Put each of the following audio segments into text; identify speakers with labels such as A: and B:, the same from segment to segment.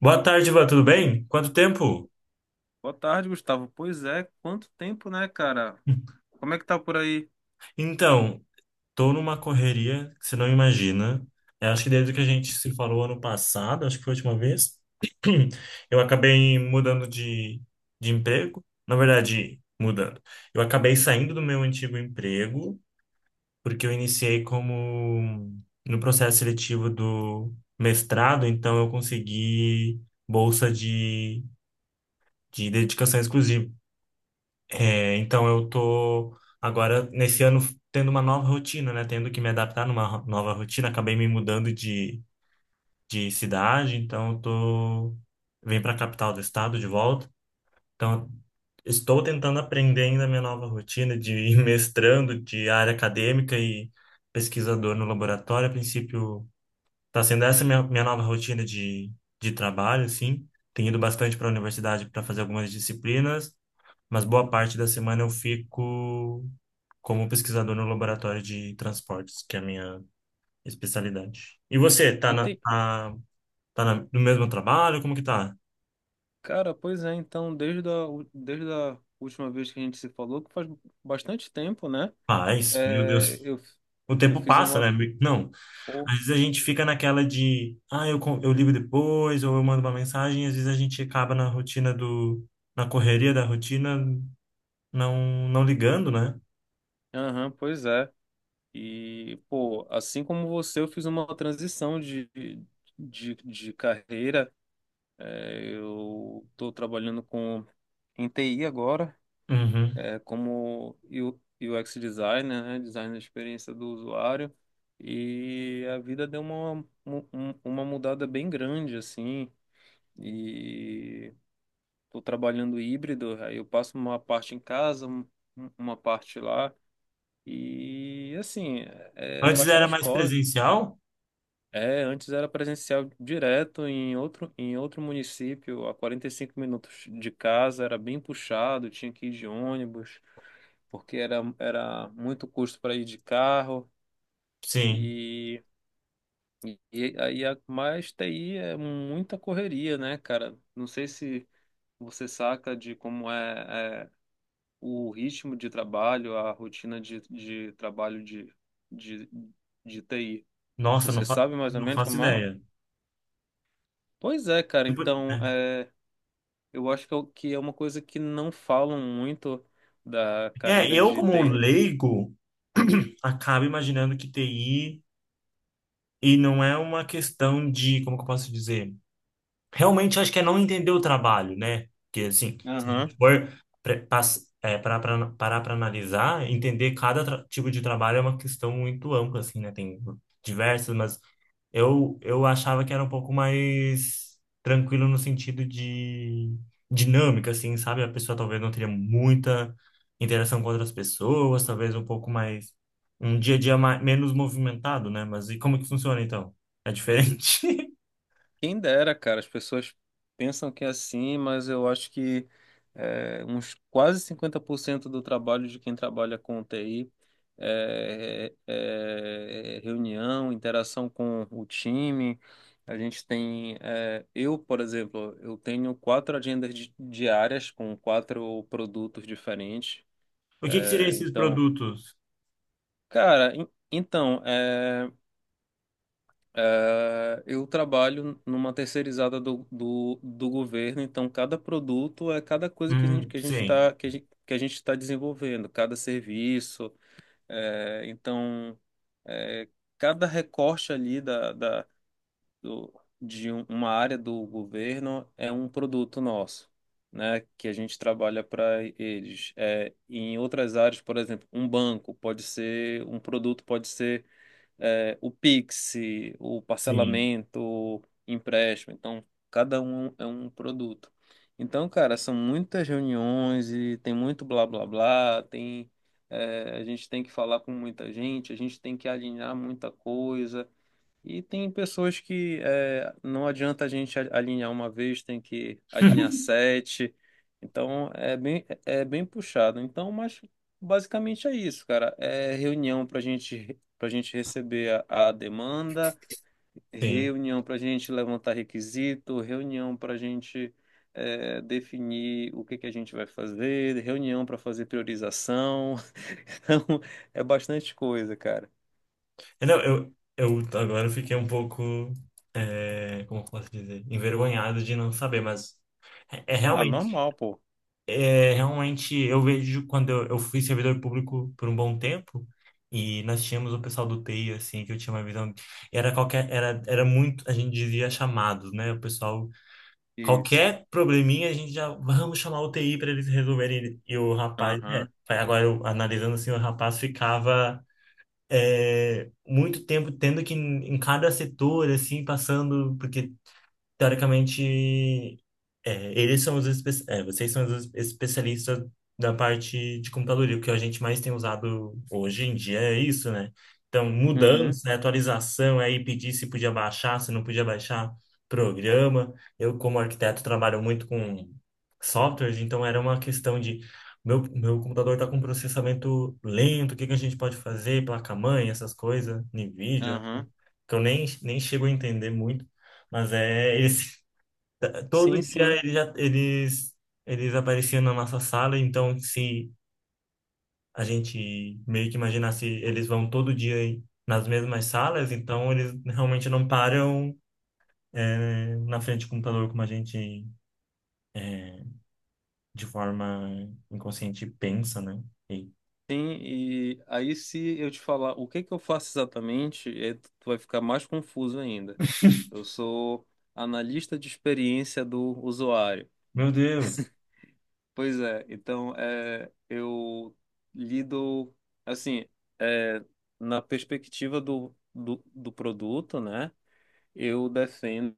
A: Boa tarde, Ivan, tudo bem? Quanto tempo?
B: Boa tarde, Gustavo. Pois é, quanto tempo, né, cara? Como é que tá por aí?
A: Então, tô numa correria que você não imagina. Eu acho que desde que a gente se falou ano passado, acho que foi a última vez, eu acabei mudando de emprego. Na verdade, mudando. Eu acabei saindo do meu antigo emprego, porque eu iniciei como no processo seletivo do mestrado, então eu consegui bolsa de dedicação exclusiva. É, então eu tô agora nesse ano tendo uma nova rotina, né? Tendo que me adaptar numa nova rotina. Acabei me mudando de cidade, então eu tô vim para a capital do estado de volta. Então estou tentando aprender ainda a minha nova rotina de ir mestrando de área acadêmica e pesquisador no laboratório. A princípio está sendo essa minha nova rotina de trabalho, assim. Tenho ido bastante para a universidade para fazer algumas disciplinas, mas boa parte da semana eu fico como pesquisador no laboratório de transportes, que é a minha especialidade. E você, tá na,
B: Ente-
A: tá, tá na- no mesmo trabalho? Como que tá?
B: Cara, pois é, então, desde a última vez que a gente se falou, que faz bastante tempo, né?
A: Paz, meu
B: É,
A: Deus. O
B: eu
A: tempo
B: fiz
A: passa,
B: uma.
A: né? Não.
B: Pô,
A: Às vezes a gente fica naquela de, ah, eu ligo depois, ou eu mando uma mensagem, e às vezes a gente acaba na rotina na correria da rotina, não, não ligando, né?
B: aham, pois é. E, pô, assim como você, eu fiz uma transição de carreira. É, eu tô trabalhando com em TI agora.
A: Uhum.
B: É, como UX designer, né, design da experiência do usuário, e a vida deu uma, uma mudada bem grande, assim, e estou trabalhando híbrido, aí eu passo uma parte em casa, uma parte lá, e, assim, é
A: Antes era
B: bastante
A: mais
B: corre.
A: presencial?
B: É, antes era presencial direto em outro município, a 45 minutos de casa, era bem puxado, tinha que ir de ônibus, porque era muito custo para ir de carro
A: Sim.
B: e, e aí a mais TI é muita correria, né, cara? Não sei se você saca de é o ritmo de trabalho, a rotina de trabalho de, de TI.
A: Nossa,
B: Você sabe mais ou
A: não
B: menos
A: faço
B: como é?
A: ideia.
B: Pois é, cara.
A: Tipo.
B: Então,
A: É,
B: é, eu acho que é que é uma coisa que não falam muito da carreira
A: Eu
B: de
A: como
B: TI.
A: leigo, acabo imaginando que TI, e não é uma questão de, como que eu posso dizer? Realmente acho que é não entender o trabalho, né? Porque, assim, se a gente for parar para analisar, entender tipo de trabalho é uma questão muito ampla, assim, né? Tem diversas, mas eu achava que era um pouco mais tranquilo no sentido de dinâmica, assim, sabe? A pessoa talvez não teria muita interação com outras pessoas, talvez um pouco mais, um dia a dia mais, menos movimentado, né? Mas e como que funciona então? É diferente?
B: Quem dera, cara, as pessoas pensam que é assim, mas eu acho que é, uns quase 50% do trabalho de quem trabalha com TI é, é reunião, interação com o time. A gente tem, é, eu, por exemplo, eu tenho 4 agendas diárias com 4 produtos diferentes.
A: O que que seriam
B: É,
A: esses
B: então,
A: produtos?
B: cara, então, é, eu trabalho numa terceirizada do governo, então cada produto é cada coisa que a gente
A: Sim,
B: está que a gente está desenvolvendo, cada serviço, é, então é, cada recorte ali da do, de uma área do governo é um produto nosso, né? Que a gente trabalha para eles. É, em outras áreas, por exemplo, um banco pode ser um produto pode ser o Pix, o
A: sim,
B: parcelamento, o empréstimo. Então, cada um é um produto. Então, cara, são muitas reuniões e tem muito blá blá blá, tem, a gente tem que falar com muita gente, a gente tem que alinhar muita coisa. E tem pessoas que é, não adianta a gente alinhar uma vez, tem que alinhar 7. Então é bem puxado. Então, mas basicamente é isso, cara. É reunião para gente receber a demanda,
A: sim.
B: reunião para gente levantar requisito, reunião para gente é, definir o que que a gente vai fazer, reunião para fazer priorização. Então é bastante coisa, cara.
A: É, não, eu agora eu fiquei um pouco, é, como eu posso dizer, envergonhado de não saber, mas é
B: Ah,
A: realmente.
B: normal, pô.
A: É, realmente, eu vejo quando eu fui servidor público por um bom tempo e nós tínhamos o pessoal do TI, assim, que eu tinha uma visão. Era qualquer, era muito, a gente dizia chamados, né? O pessoal,
B: Isso.
A: qualquer probleminha, a gente já, vamos chamar o TI para eles resolverem. E o rapaz, é,
B: Aham.
A: agora eu analisando assim, o rapaz ficava é, muito tempo tendo que, em cada setor, assim, passando, porque teoricamente, é, eles são os espe- é, vocês são os especialistas da parte de computador, e o que a gente mais tem usado hoje em dia é isso, né? Então,
B: Uhum,
A: mudança, né, atualização, aí pedir se podia baixar, se não podia baixar programa. Eu, como arquiteto, trabalho muito com softwares, então era uma questão de meu computador está com processamento lento, o que que a gente pode fazer, placa-mãe, essas coisas, NVIDIA,
B: aham.
A: que eu nem chego a entender muito. Mas é esse.
B: Sim,
A: Todo dia
B: sim,
A: eles apareciam na nossa sala, então se a gente meio que imaginasse, eles vão todo dia nas mesmas salas, então eles realmente não param, é, na frente do computador como a gente de forma inconsciente pensa, né? E-
B: sim. E aí, se eu te falar o que que eu faço exatamente, é, tu vai ficar mais confuso ainda. Eu sou analista de experiência do usuário.
A: meu Deus!
B: Pois é, então é, eu lido, assim, é, na perspectiva do produto, né? Eu defendo,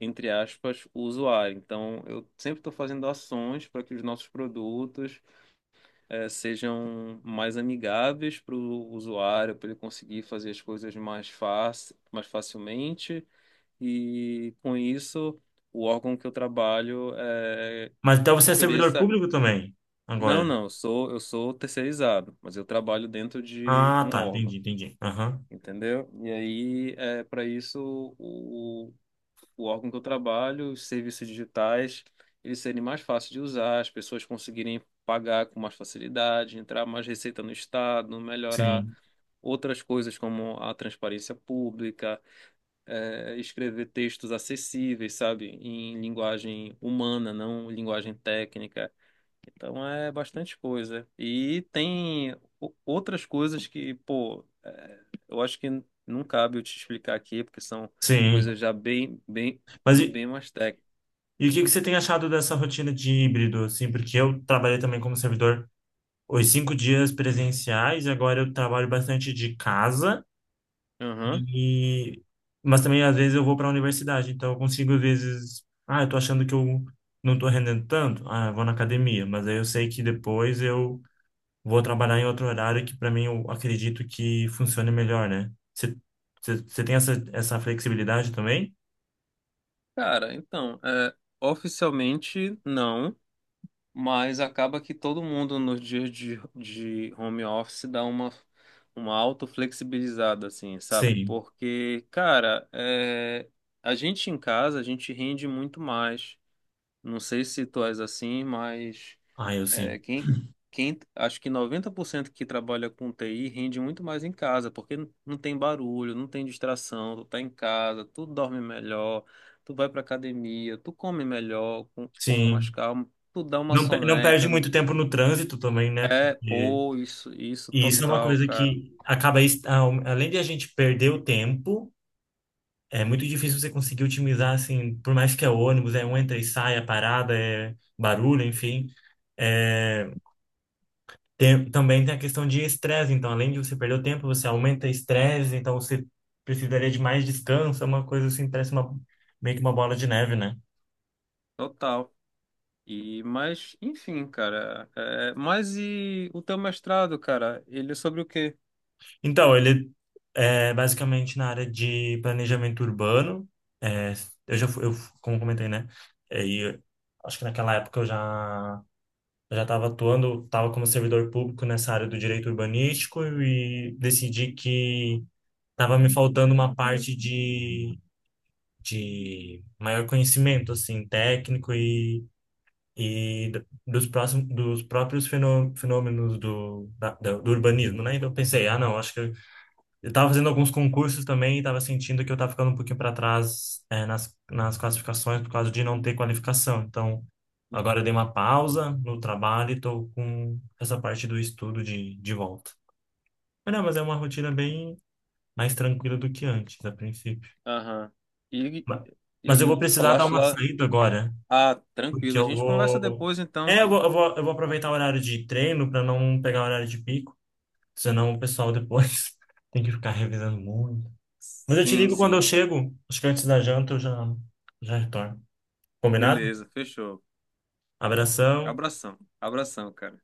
B: entre aspas, o usuário. Então, eu sempre estou fazendo ações para que os nossos produtos. Sejam mais amigáveis para o usuário, para ele conseguir fazer as coisas mais fácil, mais facilmente. E com isso, o órgão que eu trabalho
A: Mas então você é servidor
B: ofereça.
A: público também,
B: Não,
A: agora?
B: não, eu sou terceirizado, mas eu trabalho dentro de
A: Ah,
B: um
A: tá, entendi,
B: órgão,
A: entendi. Aham.
B: entendeu? E aí, é para isso, o órgão que eu trabalho, os serviços digitais, eles serem mais fáceis de usar, as pessoas conseguirem pagar com mais facilidade, entrar mais receita no Estado, melhorar
A: Sim,
B: outras coisas como a transparência pública, escrever textos acessíveis, sabe, em linguagem humana, não linguagem técnica. Então é bastante coisa. E tem outras coisas que, pô, é, eu acho que não cabe eu te explicar aqui, porque são
A: sim.
B: coisas já bem, bem,
A: Mas
B: bem mais técnicas.
A: e o que que você tem achado dessa rotina de híbrido, assim? Porque eu trabalhei também como servidor os 5 dias presenciais, agora eu trabalho bastante de casa
B: Aham.
A: e mas também às vezes eu vou para a universidade, então eu consigo às vezes, ah, eu tô achando que eu não tô rendendo tanto, ah, eu vou na academia, mas aí eu sei que depois eu vou trabalhar em outro horário que para mim eu acredito que funcione melhor, né? Você tem essa flexibilidade também?
B: Cara, então, é, oficialmente não, mas acaba que todo mundo nos dias de home office dá uma auto-flexibilizada, assim, sabe?
A: Sim.
B: Porque, cara, é, a gente em casa, a gente rende muito mais. Não sei se tu és assim, mas
A: Ah, eu
B: é,
A: sim.
B: acho que 90% que trabalha com TI rende muito mais em casa, porque não tem barulho, não tem distração, tu tá em casa, tu dorme melhor, tu vai pra academia, tu come melhor, com mais
A: Sim.
B: calma, tu dá uma
A: Não, não perde
B: soneca.
A: muito tempo no trânsito também, né?
B: É,
A: Porque.
B: pô, isso,
A: E isso é uma
B: total,
A: coisa
B: cara,
A: que acaba, além de a gente perder o tempo, é muito difícil você conseguir otimizar, assim, por mais que é ônibus, é um entra e sai, é parada, é barulho, enfim. É, também tem a questão de estresse, então, além de você perder o tempo, você aumenta o estresse, então você precisaria de mais descanso, é uma coisa assim, parece uma, meio que uma bola de neve, né?
B: total. E, mas, enfim, cara, é, mas e o teu mestrado, cara, ele é sobre o quê?
A: Então, ele é basicamente na área de planejamento urbano. É, eu já fui, eu, como comentei, né? É, e acho que naquela época eu já estava atuando, estava como servidor público nessa área do direito urbanístico e decidi que estava me faltando uma parte de maior conhecimento, assim, técnico e dos próprios fenômenos do urbanismo, né? Então eu pensei, ah, não, acho que eu tava fazendo alguns concursos também e tava sentindo que eu tava ficando um pouquinho para trás, é, nas classificações por causa de não ter qualificação. Então, agora eu dei uma pausa no trabalho e tô com essa parte do estudo de volta. Mas não, mas é uma rotina bem mais tranquila do que antes, a princípio.
B: Aham. E,
A: Ma- Mas eu
B: e
A: vou
B: tu
A: precisar dar
B: falaste
A: uma
B: lá.
A: saída agora,
B: Ah,
A: porque
B: tranquilo. A
A: eu
B: gente conversa
A: vou.
B: depois então,
A: É, eu
B: pô.
A: vou, eu vou, eu vou aproveitar o horário de treino para não pegar o horário de pico, senão o pessoal depois tem que ficar revisando muito. Mas eu te
B: Sim,
A: ligo quando eu
B: sim.
A: chego. Acho que antes da janta eu já, já retorno. Combinado?
B: Beleza, fechou.
A: Abração.
B: Abração. Abração, cara.